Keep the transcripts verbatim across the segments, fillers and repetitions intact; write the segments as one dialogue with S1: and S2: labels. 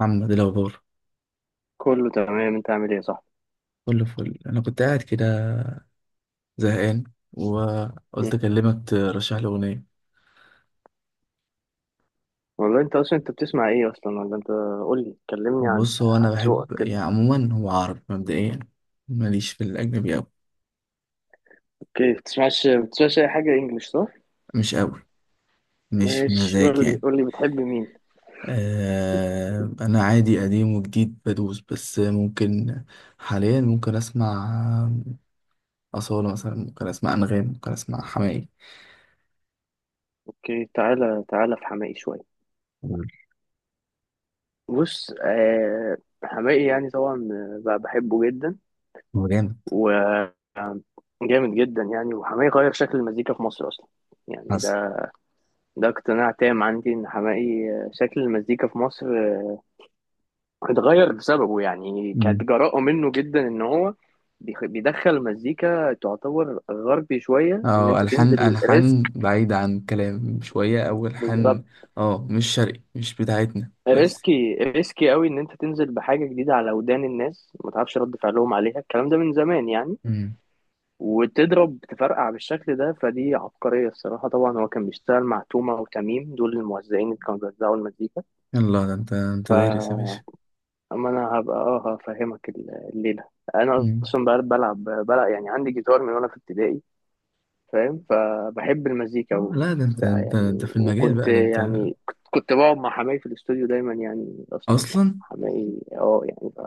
S1: محمد، إيه الأخبار؟
S2: كله تمام. انت عامل ايه؟ صح،
S1: كله فل. أنا كنت قاعد كده زهقان، وقلت أكلمك ترشح لي أغنية.
S2: والله انت اصلا انت بتسمع ايه اصلا؟ ولا انت قول لي، كلمني عن
S1: بص، هو أنا
S2: عن ذوقك
S1: بحب
S2: كده.
S1: يعني عموما هو عربي مبدئيا، ماليش في الأجنبي أوي.
S2: اوكي، بتسمعش بتسمعش اي حاجه انجلش صح؟
S1: مش أوي، مش
S2: ماشي،
S1: مزاج
S2: قول لي
S1: يعني.
S2: قول لي بتحب مين؟
S1: آه أنا عادي، قديم وجديد بدوس، بس ممكن حاليا ممكن أسمع أصالة مثلا، ممكن أسمع أنغام، ممكن أسمع حماقي.
S2: اوكي، تعالى تعالى في حماقي شويه.
S1: هو
S2: بص آه، حماقي يعني طبعا آه، بقى بحبه جدا،
S1: جامد.
S2: وجامد جدا يعني. وحماقي غير شكل المزيكا في مصر اصلا، يعني
S1: حصل.
S2: ده ده اقتناع تام عندي ان حماقي آه، شكل المزيكا في مصر آه، اتغير بسببه. يعني كانت جراءة منه جدا ان هو بيخ- بيدخل مزيكا تعتبر غربي شوية، ان
S1: اه
S2: انت
S1: ألحان،
S2: تنزل
S1: ألحان
S2: ريسك.
S1: بعيدة عن كلام شوية، أو
S2: بالظبط.
S1: ألحان اه مش شرقي، مش بتاعتنا بس.
S2: ريسكي ريسكي قوي ان انت تنزل بحاجة جديدة على ودان الناس، ما تعرفش رد فعلهم عليها. الكلام ده من زمان يعني،
S1: مم.
S2: وتضرب تفرقع بالشكل ده، فدي عبقرية الصراحة. طبعا هو كان بيشتغل مع تومة وتميم، دول الموزعين اللي كانوا بيوزعوا المزيكا.
S1: يلا، ده انت انت دارس يا
S2: ف
S1: باشا.
S2: اما انا هبقى اه هفهمك ال- الليله. انا
S1: مم.
S2: اصلا بل- بلعب بلعب يعني، عندي جيتار من وانا في ابتدائي. فاهم؟ فبحب المزيكا
S1: اه لا، ده انت
S2: وبتاع
S1: انت
S2: يعني.
S1: انت في المجال
S2: وكنت
S1: بقى ده، انت
S2: يعني كنت كنت بقعد مع حماي في الاستوديو دايما يعني. اصلا يعني
S1: أصلا.
S2: حماي اه يعني ف...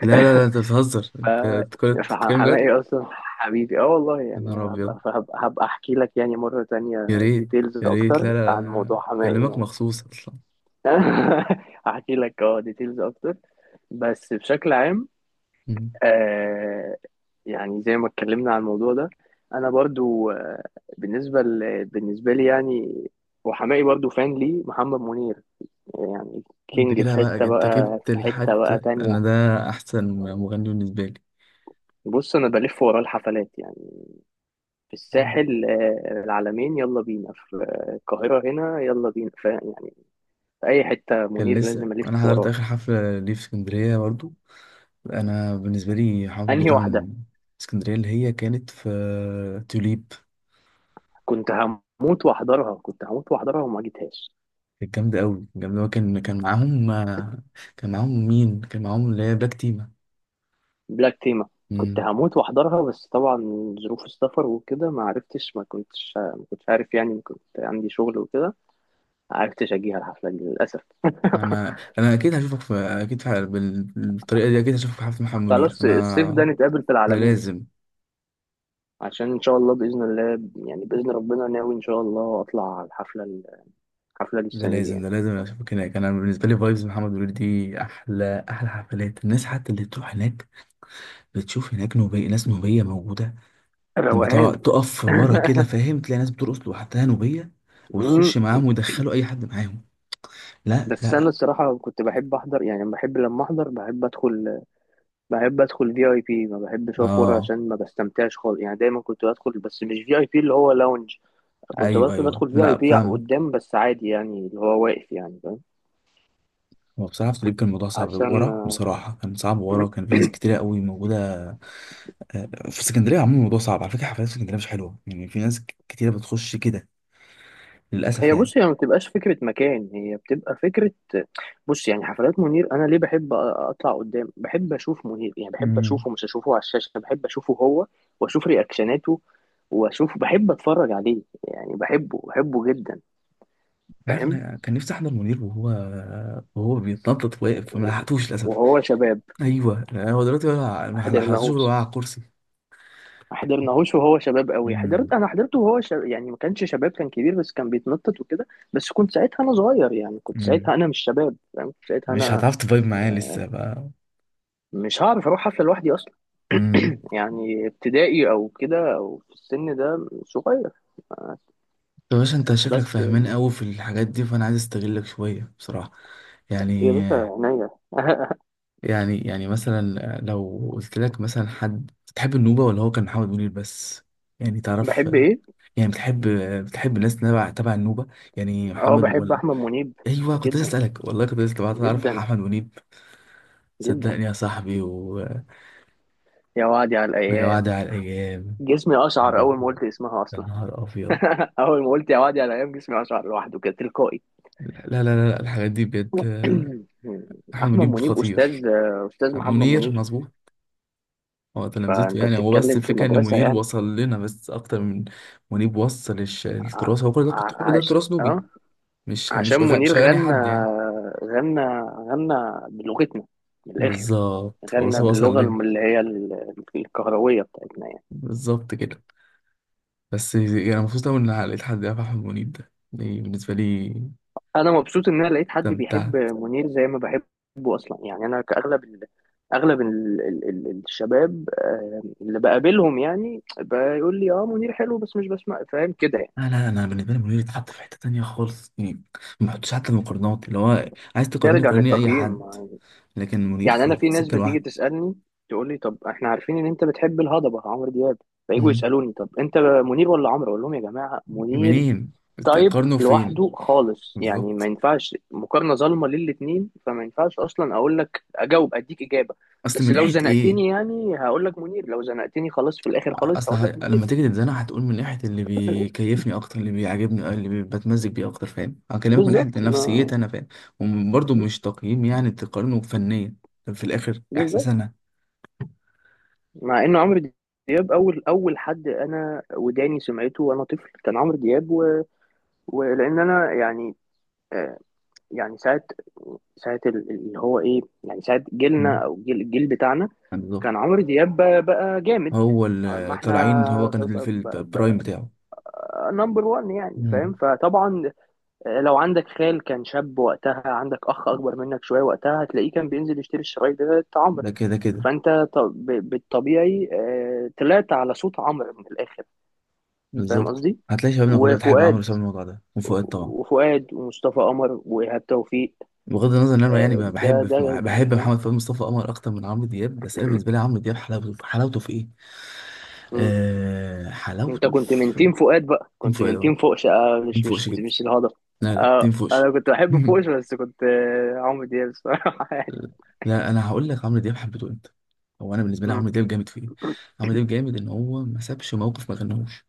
S1: لا لا لا، انت بتهزر، انت بتتكلم بتتكلم جد.
S2: فحماقي اصلا حبيبي اه والله
S1: يا
S2: يعني،
S1: نهار أبيض!
S2: هبقى هبقى, هبقى احكي لك يعني مره تانية
S1: يا ريت،
S2: ديتيلز
S1: يا ريت.
S2: اكتر
S1: لا لا
S2: عن
S1: لا.
S2: موضوع حماقي
S1: بكلمك
S2: يعني.
S1: مخصوص أصلا.
S2: هحكي لك اه ديتيلز اكتر. بس بشكل عام
S1: مم.
S2: آه، يعني زي ما اتكلمنا عن الموضوع ده، انا برضو آه بالنسبه ل... بالنسبه لي يعني، وحماقي برضو. فان ليه محمد منير يعني
S1: انت
S2: كينج في
S1: كده بقى،
S2: حته
S1: انت
S2: بقى،
S1: جبت
S2: في حته بقى
S1: الحتة.
S2: تانية.
S1: أنا ده أحسن مغني بالنسبة لي.
S2: بص انا بلف وراه الحفلات يعني، في
S1: أنا
S2: الساحل آه العلمين يلا بينا، في آه، القاهره هنا يلا بينا ف... يعني في اي حته
S1: كان
S2: منير
S1: لسه
S2: لازم
S1: أنا
S2: الف
S1: حضرت
S2: وراه.
S1: آخر حفلة ليه في اسكندرية برضو. انا بالنسبه لي حوضي
S2: انهي
S1: ده
S2: واحده؟
S1: من اسكندريه، اللي هي كانت في توليب.
S2: كنت هموت واحضرها كنت هموت واحضرها وما جيتهاش.
S1: كانت جامده قوي، جامده قوي. كان كان معاهم، كان معاهم مين؟ كان معاهم اللي هي بلاك تيما.
S2: بلاك تيما، كنت
S1: مم.
S2: هموت واحضرها بس طبعا ظروف السفر وكده ما عرفتش. ما كنتش ما كنتش عارف يعني، كنت عندي شغل وكده، ما عرفتش اجيها الحفلة دي للأسف.
S1: انا انا اكيد هشوفك، في اكيد في بال- بالطريقه دي، اكيد هشوفك في حفله محمد منير
S2: خلاص الصيف ده
S1: انا.
S2: نتقابل في
S1: ده
S2: العالمين،
S1: لازم،
S2: عشان ان شاء الله، بإذن الله يعني، بإذن ربنا ناوي ان شاء الله اطلع على الحفلة، الحفلة دي
S1: ده
S2: السنة دي
S1: لازم،
S2: يعني.
S1: ده لازم اشوفك هناك. انا بالنسبه لي فايبز محمد منير دي احلى، احلى حفلات. الناس حتى اللي بتروح هناك بتشوف هناك نوبيه، ناس نوبيه موجوده. لما تقع-
S2: روقان.
S1: تقف ورا كده، فاهم، تلاقي ناس بترقص لوحدها نوبية،
S2: أمم،
S1: وتخش معاهم ويدخلوا أي حد معاهم. لا
S2: بس
S1: لا.
S2: انا الصراحة كنت بحب احضر يعني، بحب لما احضر بحب ادخل، بحب ادخل في اي بي. ما بحبش اقف ورا
S1: اه.
S2: عشان ما بستمتعش خالص يعني، دايما كنت بدخل بس مش في اي بي اللي هو لاونج. كنت
S1: ايوه
S2: بدخل
S1: ايوه،
S2: بدخل في اي
S1: لا
S2: بي
S1: فاهمك.
S2: قدام بس عادي يعني، اللي هو واقف يعني. فاهم؟
S1: هو بصراحة في الطبيب كان الموضوع صعب
S2: عشان
S1: ورا، بصراحة كان صعب ورا، كان في ناس كتيرة قوي موجودة. آه، آه، في اسكندرية عموما الموضوع صعب على فكرة، حفلات في اسكندرية مش حلوة يعني، في ناس ك- كتيرة بتخش كده للأسف
S2: هي
S1: يعني.
S2: بص، هي ما بتبقاش فكرة مكان، هي بتبقى فكرة. بص يعني حفلات منير، انا ليه بحب اطلع قدام؟ بحب اشوف منير يعني، بحب
S1: امم.
S2: اشوفه مش اشوفه على الشاشة، بحب اشوفه هو واشوف رياكشناته واشوف، بحب اتفرج عليه يعني، بحبه بحبه جدا.
S1: عارف،
S2: فاهم؟
S1: أنا كان نفسي أحضر منير وهو وهو بيتنطط واقف، فما لحقتوش للأسف.
S2: وهو شباب.
S1: أيوه، هو دلوقتي ولا- ما
S2: حاضر.
S1: لحقتوش غير
S2: ناهوس،
S1: وقع على الكرسي.
S2: ما حضرناهوش وهو شباب قوي. حضرت انا حضرته وهو شب... يعني ما كانش شباب، كان كبير بس كان بيتنطط وكده. بس كنت ساعتها انا صغير يعني، كنت ساعتها
S1: امم.
S2: انا مش شباب يعني، كنت ساعتها
S1: مش
S2: انا
S1: هتعرف تفايب معايا لسه بقى.
S2: مش هعرف اروح حفله لوحدي اصلا
S1: امم.
S2: يعني، ابتدائي او كده، او في السن ده صغير.
S1: طب باشا، انت شكلك
S2: بس
S1: فاهمان قوي في الحاجات دي، فانا عايز استغلك شويه بصراحه.
S2: يا
S1: يعني،
S2: باشا، عينيا.
S1: يعني يعني مثلا لو قلت لك مثلا، حد بتحب النوبه ولا هو كان محمد منير بس؟ يعني تعرف،
S2: بحب ايه؟
S1: يعني بتحب، بتحب الناس تبع، تبع النوبه يعني،
S2: اه
S1: محمد
S2: بحب
S1: ولا؟
S2: احمد منيب،
S1: ايوه، كنت لسه
S2: جدا
S1: اسالك والله، كنت لسه بعت تعرف
S2: جدا
S1: احمد منيب.
S2: جدا.
S1: صدقني يا صاحبي. وما
S2: يا وادي على
S1: وعد
S2: الايام،
S1: على الايام.
S2: جسمي
S1: يا
S2: اشعر
S1: نهار
S2: اول ما
S1: ابيض،
S2: قلت اسمها
S1: يا
S2: اصلا.
S1: نهار ابيض.
S2: اول ما قلت يا وادي على الايام جسمي اشعر لوحده كده تلقائي.
S1: لا لا لا، لا الحاجات دي بجد. أحمد
S2: احمد
S1: منيب
S2: منيب
S1: خطير.
S2: استاذ. استاذ محمد
S1: منير
S2: منير.
S1: مظبوط. هو تلامذته
S2: فانت
S1: يعني، هو بس
S2: بتتكلم في
S1: الفكرة إن
S2: المدرسه
S1: منير
S2: يعني.
S1: وصل لنا، بس أكتر من منيب وصل الش-
S2: ع-
S1: التراث، هو كل ده كنت، كل
S2: ع-
S1: ده
S2: عش...
S1: تراث نوبي،
S2: اه
S1: مش مش
S2: عشان
S1: أغ-
S2: منير
S1: مش أغاني
S2: غنى،
S1: حد يعني.
S2: غنى غنى بلغتنا من الاخر،
S1: بالظبط، هو بس
S2: غنى
S1: وصل
S2: باللغه
S1: لنا.
S2: اللي هي ال- الكهرويه بتاعتنا يعني.
S1: بالظبط كده. بس يعني مبسوط أوي إن لقيت حد يعرف أحمد منيب ده، يعني بالنسبة لي.
S2: انا مبسوط ان انا لقيت حد
S1: استمتعت.
S2: بيحب منير زي ما بحبه اصلا يعني. انا كاغلب ال... اغلب ال... ال... ال- الشباب آه، اللي بقابلهم يعني بيقول لي اه منير حلو بس مش بسمع، فاهم كده يعني.
S1: لا لا، أنا بالنسبة لي منير اتحط في حتة تانية خالص يعني، ما بحطش حتى المقارنات. اللي هو عايز تقارني،
S2: نرجع
S1: قارني أي
S2: للتقييم.
S1: حد، لكن منير
S2: يعني انا
S1: في
S2: في ناس
S1: سكة
S2: بتيجي
S1: لوحده.
S2: تسالني تقول لي طب احنا عارفين ان انت بتحب الهضبه عمرو دياب، فيجوا
S1: مم.
S2: يسالوني طب انت منير ولا عمرو؟ اقول لهم يا جماعه منير
S1: منين؟
S2: تايب
S1: قرنه فين؟
S2: لوحده خالص يعني، ما
S1: بالظبط.
S2: ينفعش مقارنه ظالمه للاتنين، فما ينفعش اصلا اقول لك اجاوب اديك اجابه.
S1: اصل
S2: بس
S1: من
S2: لو
S1: ناحيه ايه؟
S2: زنقتني يعني هقول لك منير، لو زنقتني خلاص في الاخر خالص
S1: اصل
S2: هقول
S1: ه...
S2: لك منير.
S1: لما تيجي تتزنق هتقول من ناحيه اللي بيكيفني اكتر، اللي بيعجبني، آه، اللي بي- بتمزج بيه اكتر، فاهم، هكلمك من ناحيه
S2: بالظبط.
S1: نفسيتي
S2: ما
S1: انا، فاهم. وبرضه مش تقييم يعني تقارنه فنيا، في الاخر احساس
S2: بالظبط،
S1: انا.
S2: مع ان عمرو دياب اول اول حد انا وداني سمعته وانا طفل كان عمرو دياب و... ولان انا يعني آه، يعني ساعة ساعة ال- اللي هو ايه يعني، ساعة
S1: مم.
S2: جيلنا او جيل الجيل بتاعنا،
S1: بالظبط.
S2: كان عمرو دياب بقى, بقى جامد.
S1: هو
S2: ما
S1: اللي
S2: احنا
S1: طالعين، هو كان اللي في البرايم بتاعه.
S2: نمبر واحد يعني. فاهم؟
S1: مم.
S2: فطبعا آه، لو عندك خال كان شاب وقتها، عندك اخ اكبر منك شوية وقتها، هتلاقيه كان بينزل يشتري الشرايط بتاعت عمرو.
S1: ده كده كده.
S2: فانت ط- ب- بالطبيعي آه، طلعت على صوت عمرو من الاخر. فاهم
S1: بالظبط،
S2: قصدي؟
S1: هتلاقي شبابنا كلها بتحب عمرو
S2: وفؤاد،
S1: بسبب الموضوع ده، وفؤاد طبعا.
S2: وفؤاد ومصطفى قمر وايهاب توفيق
S1: بغض النظر ان انا يعني
S2: آه،
S1: بحب،
S2: ده ده.
S1: بحب محمد فؤاد مصطفى قمر اكتر من عمرو دياب، بس انا بالنسبه لي عمرو دياب حلاوته، حلاوته في ايه؟
S2: مم.
S1: آه،
S2: انت
S1: حلاوته
S2: كنت من
S1: في،
S2: تيم فؤاد بقى،
S1: تيم
S2: كنت
S1: فؤاد
S2: من
S1: اهو،
S2: تيم فوقش آه،
S1: تيم
S2: مش مش
S1: فوقش جدا.
S2: مش الهضبة.
S1: لا لا،
S2: آه
S1: تيم فوقش.
S2: انا كنت بحب فوقش بس كنت آه، عمرو دياب الصراحة. يعني
S1: لا انا هقول لك عمرو دياب حبيته انت. هو انا بالنسبه لي
S2: مم.
S1: عمرو دياب جامد في ايه؟ عمرو دياب جامد ان هو ما سابش موقف ما غناهوش.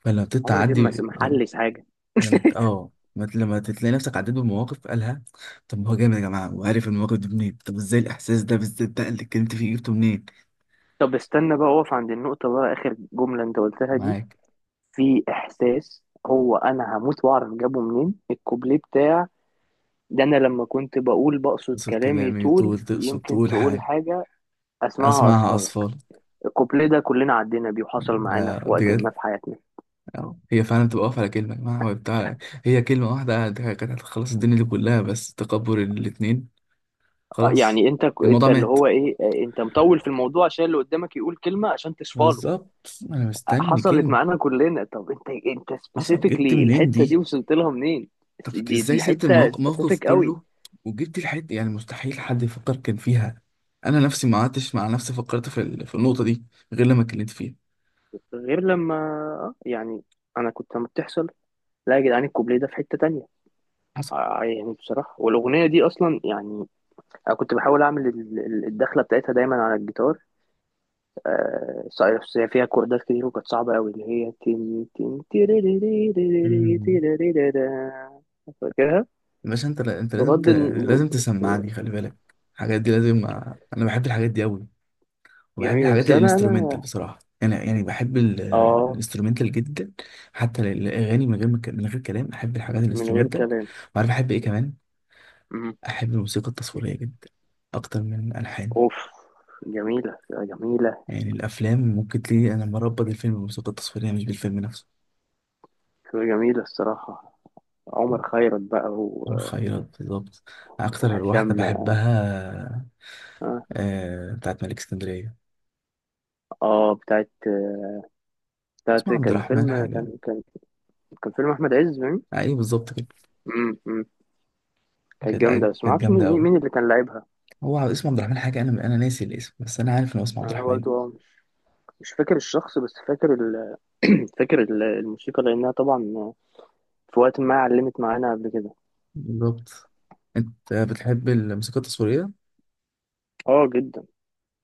S1: فلما
S2: عمرو دياب مس-
S1: بتتعدي، لما
S2: محلش حاجة.
S1: لما بت- اه لما ت- لما تلاقي نفسك عديت بمواقف قالها، طب ما هو جامد يا جماعه، وعارف المواقف دي منين؟ طب ازاي الاحساس ده بالذات ده اللي اتكلمت فيه جبته منين؟
S2: طب استنى بقى اقف عند النقطة بقى، آخر جملة انت قلتها دي،
S1: معاك.
S2: في احساس هو انا هموت واعرف جابه منين، الكوبليه بتاع ده. انا لما كنت بقول بقصد
S1: تقصد
S2: كلامي
S1: كلامي،
S2: طول،
S1: تقول، تقصد
S2: يمكن
S1: تقول
S2: تقول
S1: حاجة.
S2: حاجة اسمعها
S1: أسمعها
S2: اصفالك.
S1: أصفار.
S2: الكوبليه ده كلنا عدينا بيه وحصل معانا
S1: آه
S2: في وقت
S1: بجد.
S2: ما في حياتنا.
S1: أهو. هي فعلا بتبقى واقفة على كلمة يا جماعة، هو بتاع، هي كلمة واحدة كانت هتخلص الدنيا دي كلها، بس تكبر الاتنين،
S2: آه،
S1: خلاص
S2: يعني انت ك-
S1: الموضوع
S2: انت اللي
S1: مات.
S2: هو ايه آه، انت مطول في الموضوع عشان اللي قدامك يقول كلمه عشان تصفاله.
S1: بالظبط، أنا
S2: آه،
S1: مستني
S2: حصلت
S1: كلمة.
S2: معانا كلنا. طب انت، انت
S1: حصل، جبت
S2: سبيسيفيكلي
S1: منين
S2: الحته دي
S1: دي؟
S2: وصلت لها منين؟
S1: طب
S2: س- دي
S1: إزاي
S2: دي
S1: سبت
S2: حته
S1: الموقف، الموقف
S2: سبيسيفيك قوي،
S1: كله، وجبت الحتة؟ يعني مستحيل حد يفكر كان فيها. أنا نفسي ما قعدتش مع نفسي فكرت في، ال... في النقطة دي، غير لما اتكلمت فيها.
S2: غير لما آه، يعني انا كنت لما بتحصل لا يا جدعان، الكوبليه ده في حته تانية.
S1: حصل.
S2: آه، آه، يعني بصراحه، والاغنيه دي اصلا يعني انا كنت بحاول اعمل ال- ال- الدخله بتاعتها دايما على الجيتار. آه، صحيح، بس هي فيها كوردات كتير، وكانت صعبة أوي اللي هي تن تن تيريريريريري
S1: مم.
S2: تيريريريرا. فاكرها.
S1: باشا، انت انت لازم ت...
S2: بغض الن-
S1: لازم تسمعني، خلي بالك. الحاجات دي لازم. انا بحب الحاجات دي قوي، وبحب
S2: جميلة.
S1: الحاجات
S2: بس أنا
S1: الانسترومنتال
S2: أنا
S1: بصراحه، انا يعني بحب ال-
S2: آه
S1: الانسترومنتال جدا. حتى ال- الاغاني من غير ما ك- من غير كلام، احب الحاجات
S2: من غير
S1: الانسترومنتال.
S2: كلام.
S1: وعارف احب ايه كمان؟
S2: مم.
S1: احب الموسيقى التصويريه جدا، اكتر من الالحان.
S2: أوف، جميلة جميلة.
S1: يعني الافلام ممكن تلاقي انا مربط الفيلم بالموسيقى التصويريه، مش بالفيلم نفسه.
S2: جميلة الصراحة. عمر خيرت بقى و...
S1: الخيرات بالظبط، اكتر واحده
S2: وهشام
S1: بحبها.
S2: آه،
S1: آه، بتاعت ملك اسكندريه،
S2: آه بتاعت، بتاعت
S1: اسمها عبد
S2: كان
S1: الرحمن
S2: فيلم، كان
S1: حاجه.
S2: كان كان فيلم أحمد عز.
S1: ايوه بالظبط كده.
S2: مم. مم. كانت
S1: كانت
S2: جامدة
S1: أيوة،
S2: بس
S1: كانت
S2: معرفش مين
S1: جامده
S2: مين
S1: قوي.
S2: مين اللي كان لاعبها.
S1: هو اسمه عبد الرحمن حاجه، انا انا ناسي الاسم، بس انا عارف ان هو اسمه عبد
S2: أنا
S1: الرحمن.
S2: برضه مش فاكر الشخص، بس فاكر ال... فاكر ال- الموسيقى لأنها طبعا في وقت ما علمت معانا قبل كده.
S1: بالظبط. انت بتحب الموسيقى التصويريه.
S2: اه جدا.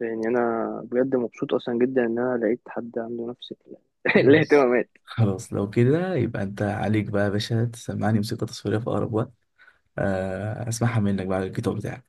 S2: يعني أنا بجد مبسوط أصلا جدا إن أنا لقيت حد عنده نفس ال...
S1: خلاص،
S2: الاهتمامات.
S1: خلاص لو كده يبقى انت عليك بقى يا باشا تسمعني موسيقى تصويريه في اقرب وقت. آه، اسمعها منك بقى على الجيتار بتاعك.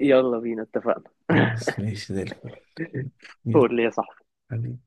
S2: يلا بينا، اتفقنا.
S1: خلاص، ماشي زي الفل. يلا
S2: قول لي يا صاحبي.
S1: حبيبي.